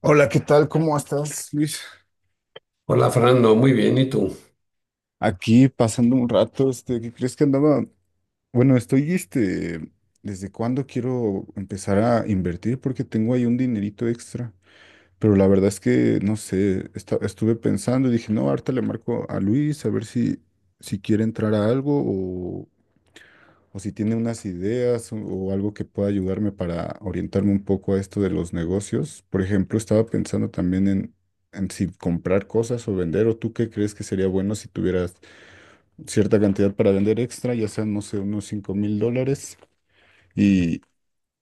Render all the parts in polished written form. Hola, ¿qué tal? ¿Cómo estás, Luis? Hola Fernando, muy bien, ¿y tú? Aquí pasando un rato, este, ¿qué crees que andaba? Bueno, estoy, este, ¿desde cuándo quiero empezar a invertir? Porque tengo ahí un dinerito extra, pero la verdad es que, no sé, estuve pensando y dije, no, ahorita le marco a Luis a ver si quiere entrar a algo o si tiene unas ideas o algo que pueda ayudarme para orientarme un poco a esto de los negocios. Por ejemplo, estaba pensando también en si comprar cosas o vender, o tú qué crees que sería bueno si tuvieras cierta cantidad para vender extra, ya sean, no sé, unos $5,000, y,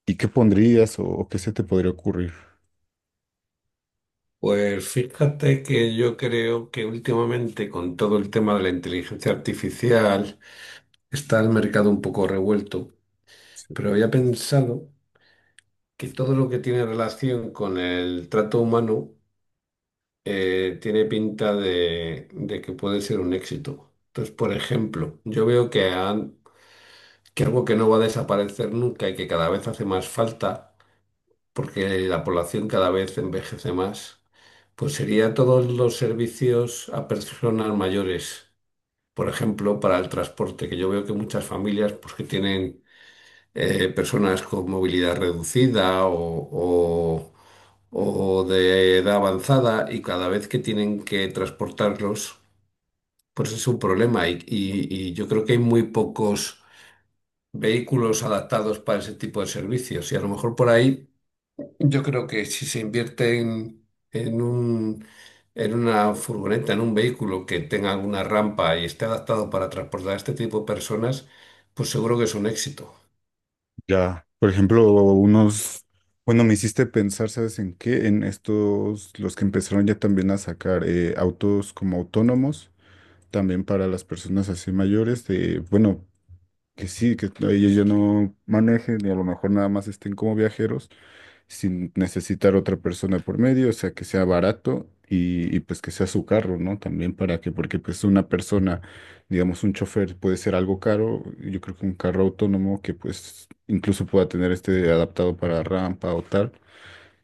y qué pondrías o qué se te podría ocurrir. Pues fíjate que yo creo que últimamente con todo el tema de la inteligencia artificial está el mercado un poco revuelto, Sí. pero había pensado que todo lo que tiene relación con el trato humano tiene pinta de que puede ser un éxito. Entonces, por ejemplo, yo veo que, que algo que no va a desaparecer nunca y que cada vez hace más falta, porque la población cada vez envejece más, pues sería todos los servicios a personas mayores. Por ejemplo, para el transporte, que yo veo que muchas familias pues, que tienen personas con movilidad reducida o de edad avanzada y cada vez que tienen que transportarlos, pues es un problema. Y yo creo que hay muy pocos vehículos adaptados para ese tipo de servicios. Y a lo mejor por ahí. Yo creo que si se invierte en, en un, en una furgoneta, en un vehículo que tenga alguna rampa y esté adaptado para transportar a este tipo de personas, pues seguro que es un éxito. Ya, por ejemplo, unos... Bueno, me hiciste pensar, ¿sabes en qué? En estos, los que empezaron ya también a sacar autos como autónomos, también para las personas así mayores, de, bueno, que sí, que ellos ya no manejen y a lo mejor nada más estén como viajeros sin necesitar otra persona por medio, o sea, que sea barato y, pues que sea su carro, ¿no? También para que, porque pues una persona, digamos, un chofer puede ser algo caro, yo creo que un carro autónomo que pues incluso pueda tener este adaptado para rampa o tal.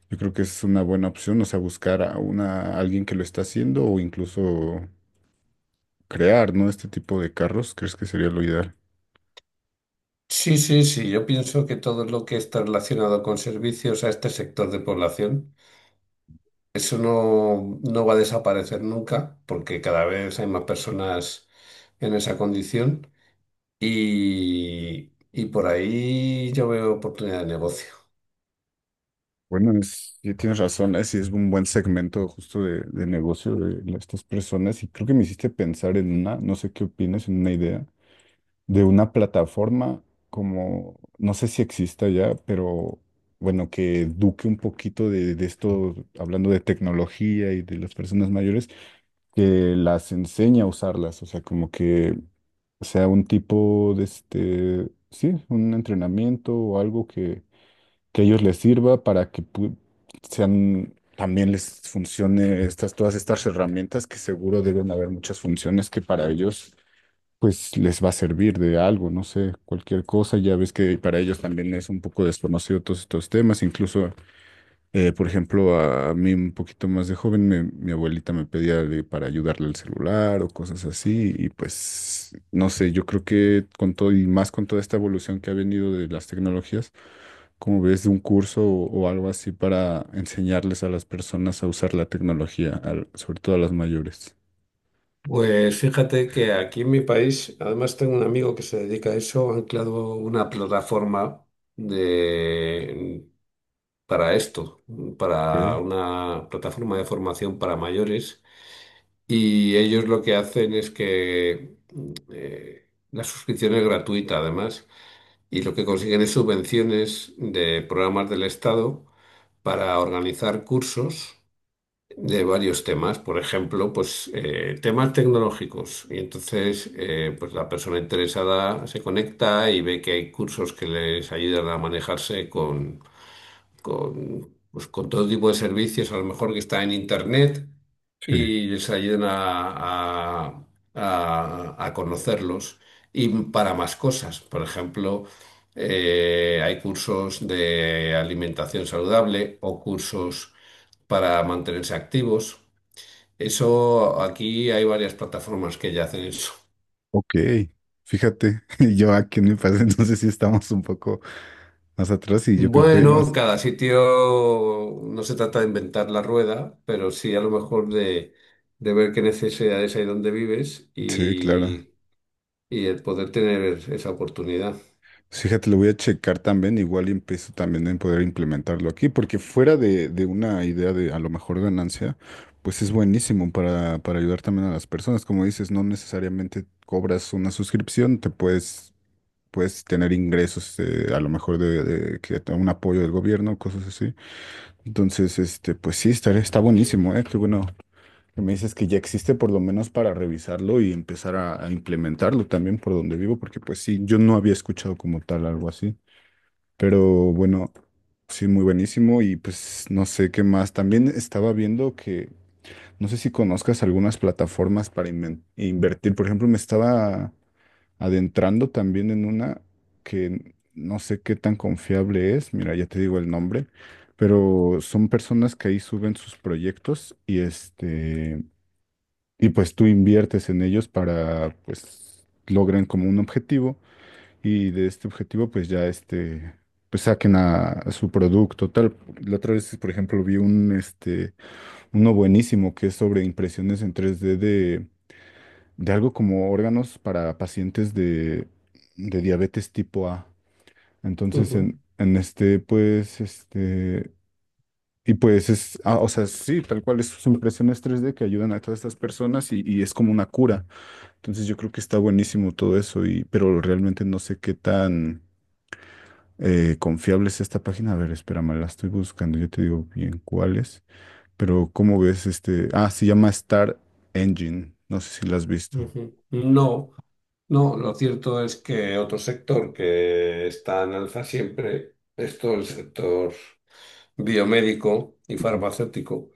Yo creo que es una buena opción, o sea, buscar a una, a alguien que lo está haciendo o incluso crear, ¿no? Este tipo de carros, ¿crees que sería lo ideal? Sí, sí, sí, yo pienso que todo lo que está relacionado con servicios a este sector de población, eso no, no va a desaparecer nunca, porque cada vez hay más personas en esa condición y por ahí yo veo oportunidad de negocio. Bueno, es, sí tienes razón, es, sí es un buen segmento justo de, negocio de estas personas y creo que me hiciste pensar en una, no sé qué opinas, en una idea de una plataforma como, no sé si exista ya, pero bueno, que eduque un poquito de esto, hablando de tecnología y de las personas mayores, que las enseñe a usarlas, o sea, como que sea un tipo de este, sí, un entrenamiento o algo que a ellos les sirva para que sean, también les funcione estas, todas estas herramientas, que seguro deben haber muchas funciones que para ellos, pues les va a servir de algo, no sé, cualquier cosa. Ya ves que para ellos también es un poco desconocido todos estos temas, incluso por ejemplo, a mí un poquito más de joven, mi abuelita me pedía para ayudarle al celular o cosas así, y pues, no sé, yo creo que con todo y más con toda esta evolución que ha venido de las tecnologías, como ves, de un curso o algo así para enseñarles a las personas a usar la tecnología, sobre todo a las mayores. Pues fíjate que aquí en mi país, además tengo un amigo que se dedica a eso, han creado una plataforma de, para esto, para Ok, una plataforma de formación para mayores. Y ellos lo que hacen es que la suscripción es gratuita además, y lo que consiguen es subvenciones de programas del Estado para organizar cursos de varios temas, por ejemplo, pues temas tecnológicos. Y entonces, pues la persona interesada se conecta y ve que hay cursos que les ayudan a manejarse con, pues, con todo tipo de servicios, a lo mejor que está en internet, sí, y les ayuden a- a conocerlos. Y para más cosas, por ejemplo, hay cursos de alimentación saludable o cursos para mantenerse activos. Eso aquí hay varias plataformas que ya hacen eso. ok. Fíjate, yo aquí en mi país entonces sí estamos un poco más atrás y yo creo que hay Bueno, más. cada sitio no se trata de inventar la rueda, pero sí a lo mejor de, ver qué necesidades hay donde vives Sí, claro. y el poder tener esa oportunidad. Fíjate, lo voy a checar también, igual y empiezo también en poder implementarlo aquí, porque fuera de, una idea de a lo mejor ganancia, pues es buenísimo para ayudar también a las personas. Como dices, no necesariamente cobras una suscripción, te puedes tener ingresos a lo mejor de que un apoyo del gobierno, cosas así. Entonces, este, pues sí, estaría, está buenísimo, ¿eh? Qué bueno. que Me dices que ya existe por lo menos para revisarlo y empezar a implementarlo también por donde vivo, porque pues sí, yo no había escuchado como tal algo así. Pero bueno, sí, muy buenísimo. Y pues no sé qué más. También estaba viendo que, no sé si conozcas algunas plataformas para invertir. Por ejemplo, me estaba adentrando también en una que no sé qué tan confiable es. Mira, ya te digo el nombre. Pero son personas que ahí suben sus proyectos y este, y pues tú inviertes en ellos para, pues, logren como un objetivo y de este objetivo pues ya este pues saquen a, su producto tal. La otra vez, por ejemplo, vi un este uno buenísimo que es sobre impresiones en 3D de, algo como órganos para pacientes de, diabetes tipo A. Entonces Ujú, en este pues este y pues es ah, o sea, sí, tal cual es sus impresiones 3D que ayudan a todas estas personas y es como una cura. Entonces yo creo que está buenísimo todo eso y pero realmente no sé qué tan confiable es esta página. A ver, espérame, la estoy buscando. Yo te digo bien cuál es. Pero, ¿cómo ves este? Ah, se llama Star Engine. No sé si la has visto. ujú. No, no, lo cierto es que otro sector que está en alza siempre es todo el sector biomédico y farmacéutico.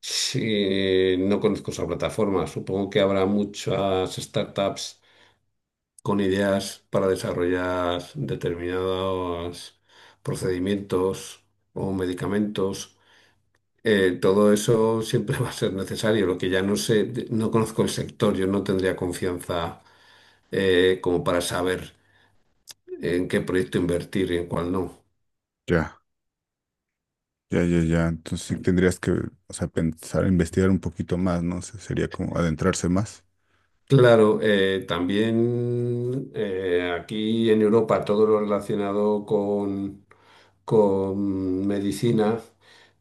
Sí, no conozco esa plataforma. Supongo que habrá muchas startups con ideas para desarrollar determinados procedimientos o medicamentos. Todo eso siempre va a ser necesario. Lo que ya no sé, no conozco el sector, yo no tendría confianza como para saber en qué proyecto invertir y en cuál no. Ya, ya, ya, ya. Entonces sí tendrías que, o sea, pensar, investigar un poquito más, ¿no? Sería como adentrarse más. Claro, también aquí en Europa todo lo relacionado con medicina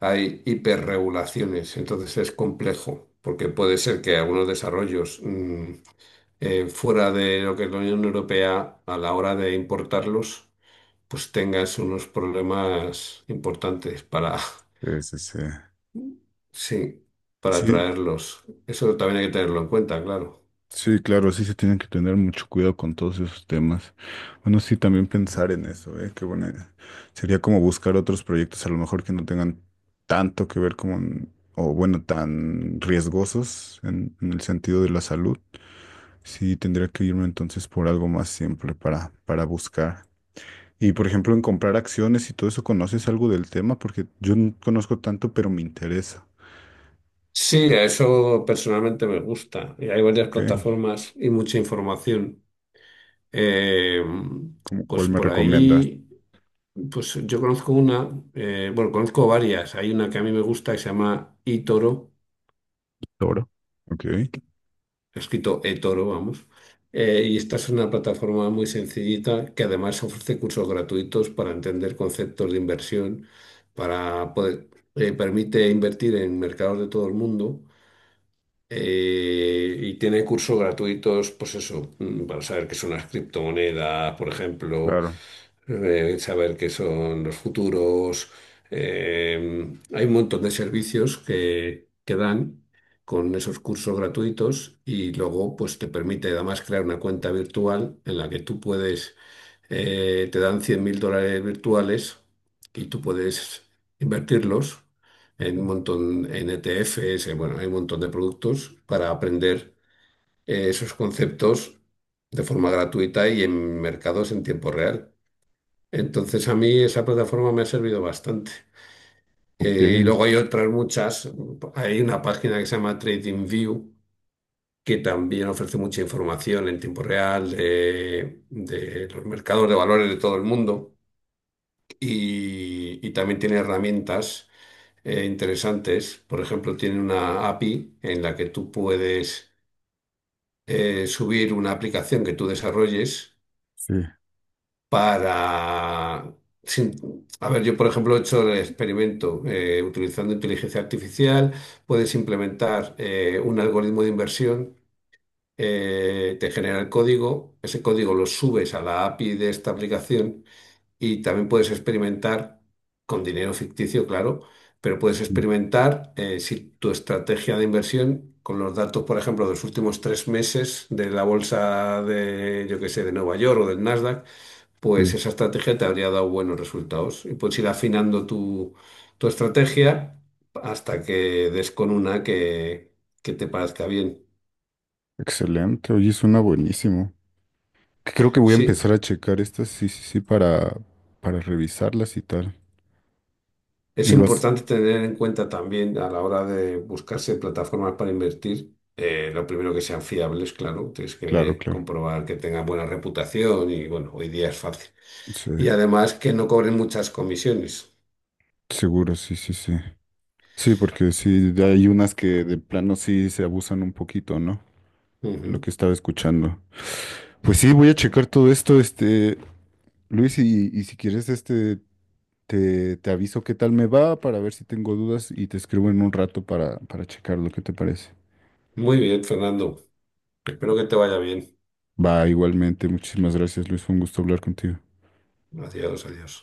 hay hiperregulaciones, entonces es complejo, porque puede ser que algunos desarrollos fuera de lo que es la Unión Europea, a la hora de importarlos, pues tengas unos problemas importantes para, Sí, sí, sí. sí, para Sí, traerlos. Eso también hay que tenerlo en cuenta, claro. sí, claro, sí se tienen que tener mucho cuidado con todos esos temas. Bueno, sí, también pensar en eso, ¿eh? Que bueno, sería como buscar otros proyectos a lo mejor que no tengan tanto que ver con, o bueno, tan riesgosos en, el sentido de la salud. Sí, tendría que irme entonces por algo más simple para buscar. Y por ejemplo, en comprar acciones y todo eso, ¿conoces algo del tema? Porque yo no conozco tanto, pero me interesa. Sí, a eso personalmente me gusta. Y hay varias ¿Ok? plataformas y mucha información. Eh, ¿Cómo cuál pues me por recomiendas? ahí. Pues yo conozco una, bueno, conozco varias. Hay una que a mí me gusta que se llama eToro, Toro. Ok, escrito eToro, vamos. Y esta es una plataforma muy sencillita que además ofrece cursos gratuitos para entender conceptos de inversión, para poder, permite invertir en mercados de todo el mundo. Y tiene cursos gratuitos, pues eso, para saber qué son las criptomonedas, por ejemplo, claro. Saber qué son los futuros. Hay un montón de servicios que dan con esos cursos gratuitos y luego pues te permite además crear una cuenta virtual en la que tú puedes, te dan $100.000 virtuales y tú puedes invertirlos Ok. en un montón, en ETFs, bueno, hay un montón de productos para aprender esos conceptos de forma gratuita y en mercados en tiempo real. Entonces a mí esa plataforma me ha servido bastante. Y Ok. luego hay otras muchas. Hay una página que se llama TradingView que también ofrece mucha información en tiempo real de los mercados de valores de todo el mundo y también tiene herramientas interesantes. Por ejemplo, tiene una API en la que tú puedes subir una aplicación que tú desarrolles Sí, para, a ver, yo por ejemplo he hecho el experimento utilizando inteligencia artificial, puedes implementar un algoritmo de inversión, te genera el código, ese código lo subes a la API de esta aplicación y también puedes experimentar con dinero ficticio, claro, pero puedes sí. experimentar si tu estrategia de inversión con los datos, por ejemplo, de los últimos 3 meses de la bolsa de, yo qué sé, de Nueva York o del Nasdaq, Sí. pues esa estrategia te habría dado buenos resultados y puedes ir afinando tu, estrategia hasta que des con una que te parezca bien. Excelente. Oye, suena buenísimo. Creo que voy a Sí, empezar a checar estas, sí, sí, sí, para, revisarlas y tal. es Me vas. importante tener en cuenta también a la hora de buscarse plataformas para invertir, lo primero que sean fiables, claro, tienes Claro, que claro. comprobar que tengan buena reputación y bueno, hoy día es fácil. Sí, Y además que no cobren muchas comisiones. seguro, sí, sí, sí. Sí, porque sí, hay unas que de plano sí se abusan un poquito, ¿no? Lo Ujú. que estaba escuchando. Pues sí, voy a checar todo esto, este, Luis, y, si quieres, este, te aviso qué tal me va para ver si tengo dudas y te escribo en un rato para, checar lo que te parece. Muy bien, Fernando. Espero que te vaya bien. Va, igualmente, muchísimas gracias, Luis. Fue un gusto hablar contigo. Adiós, adiós.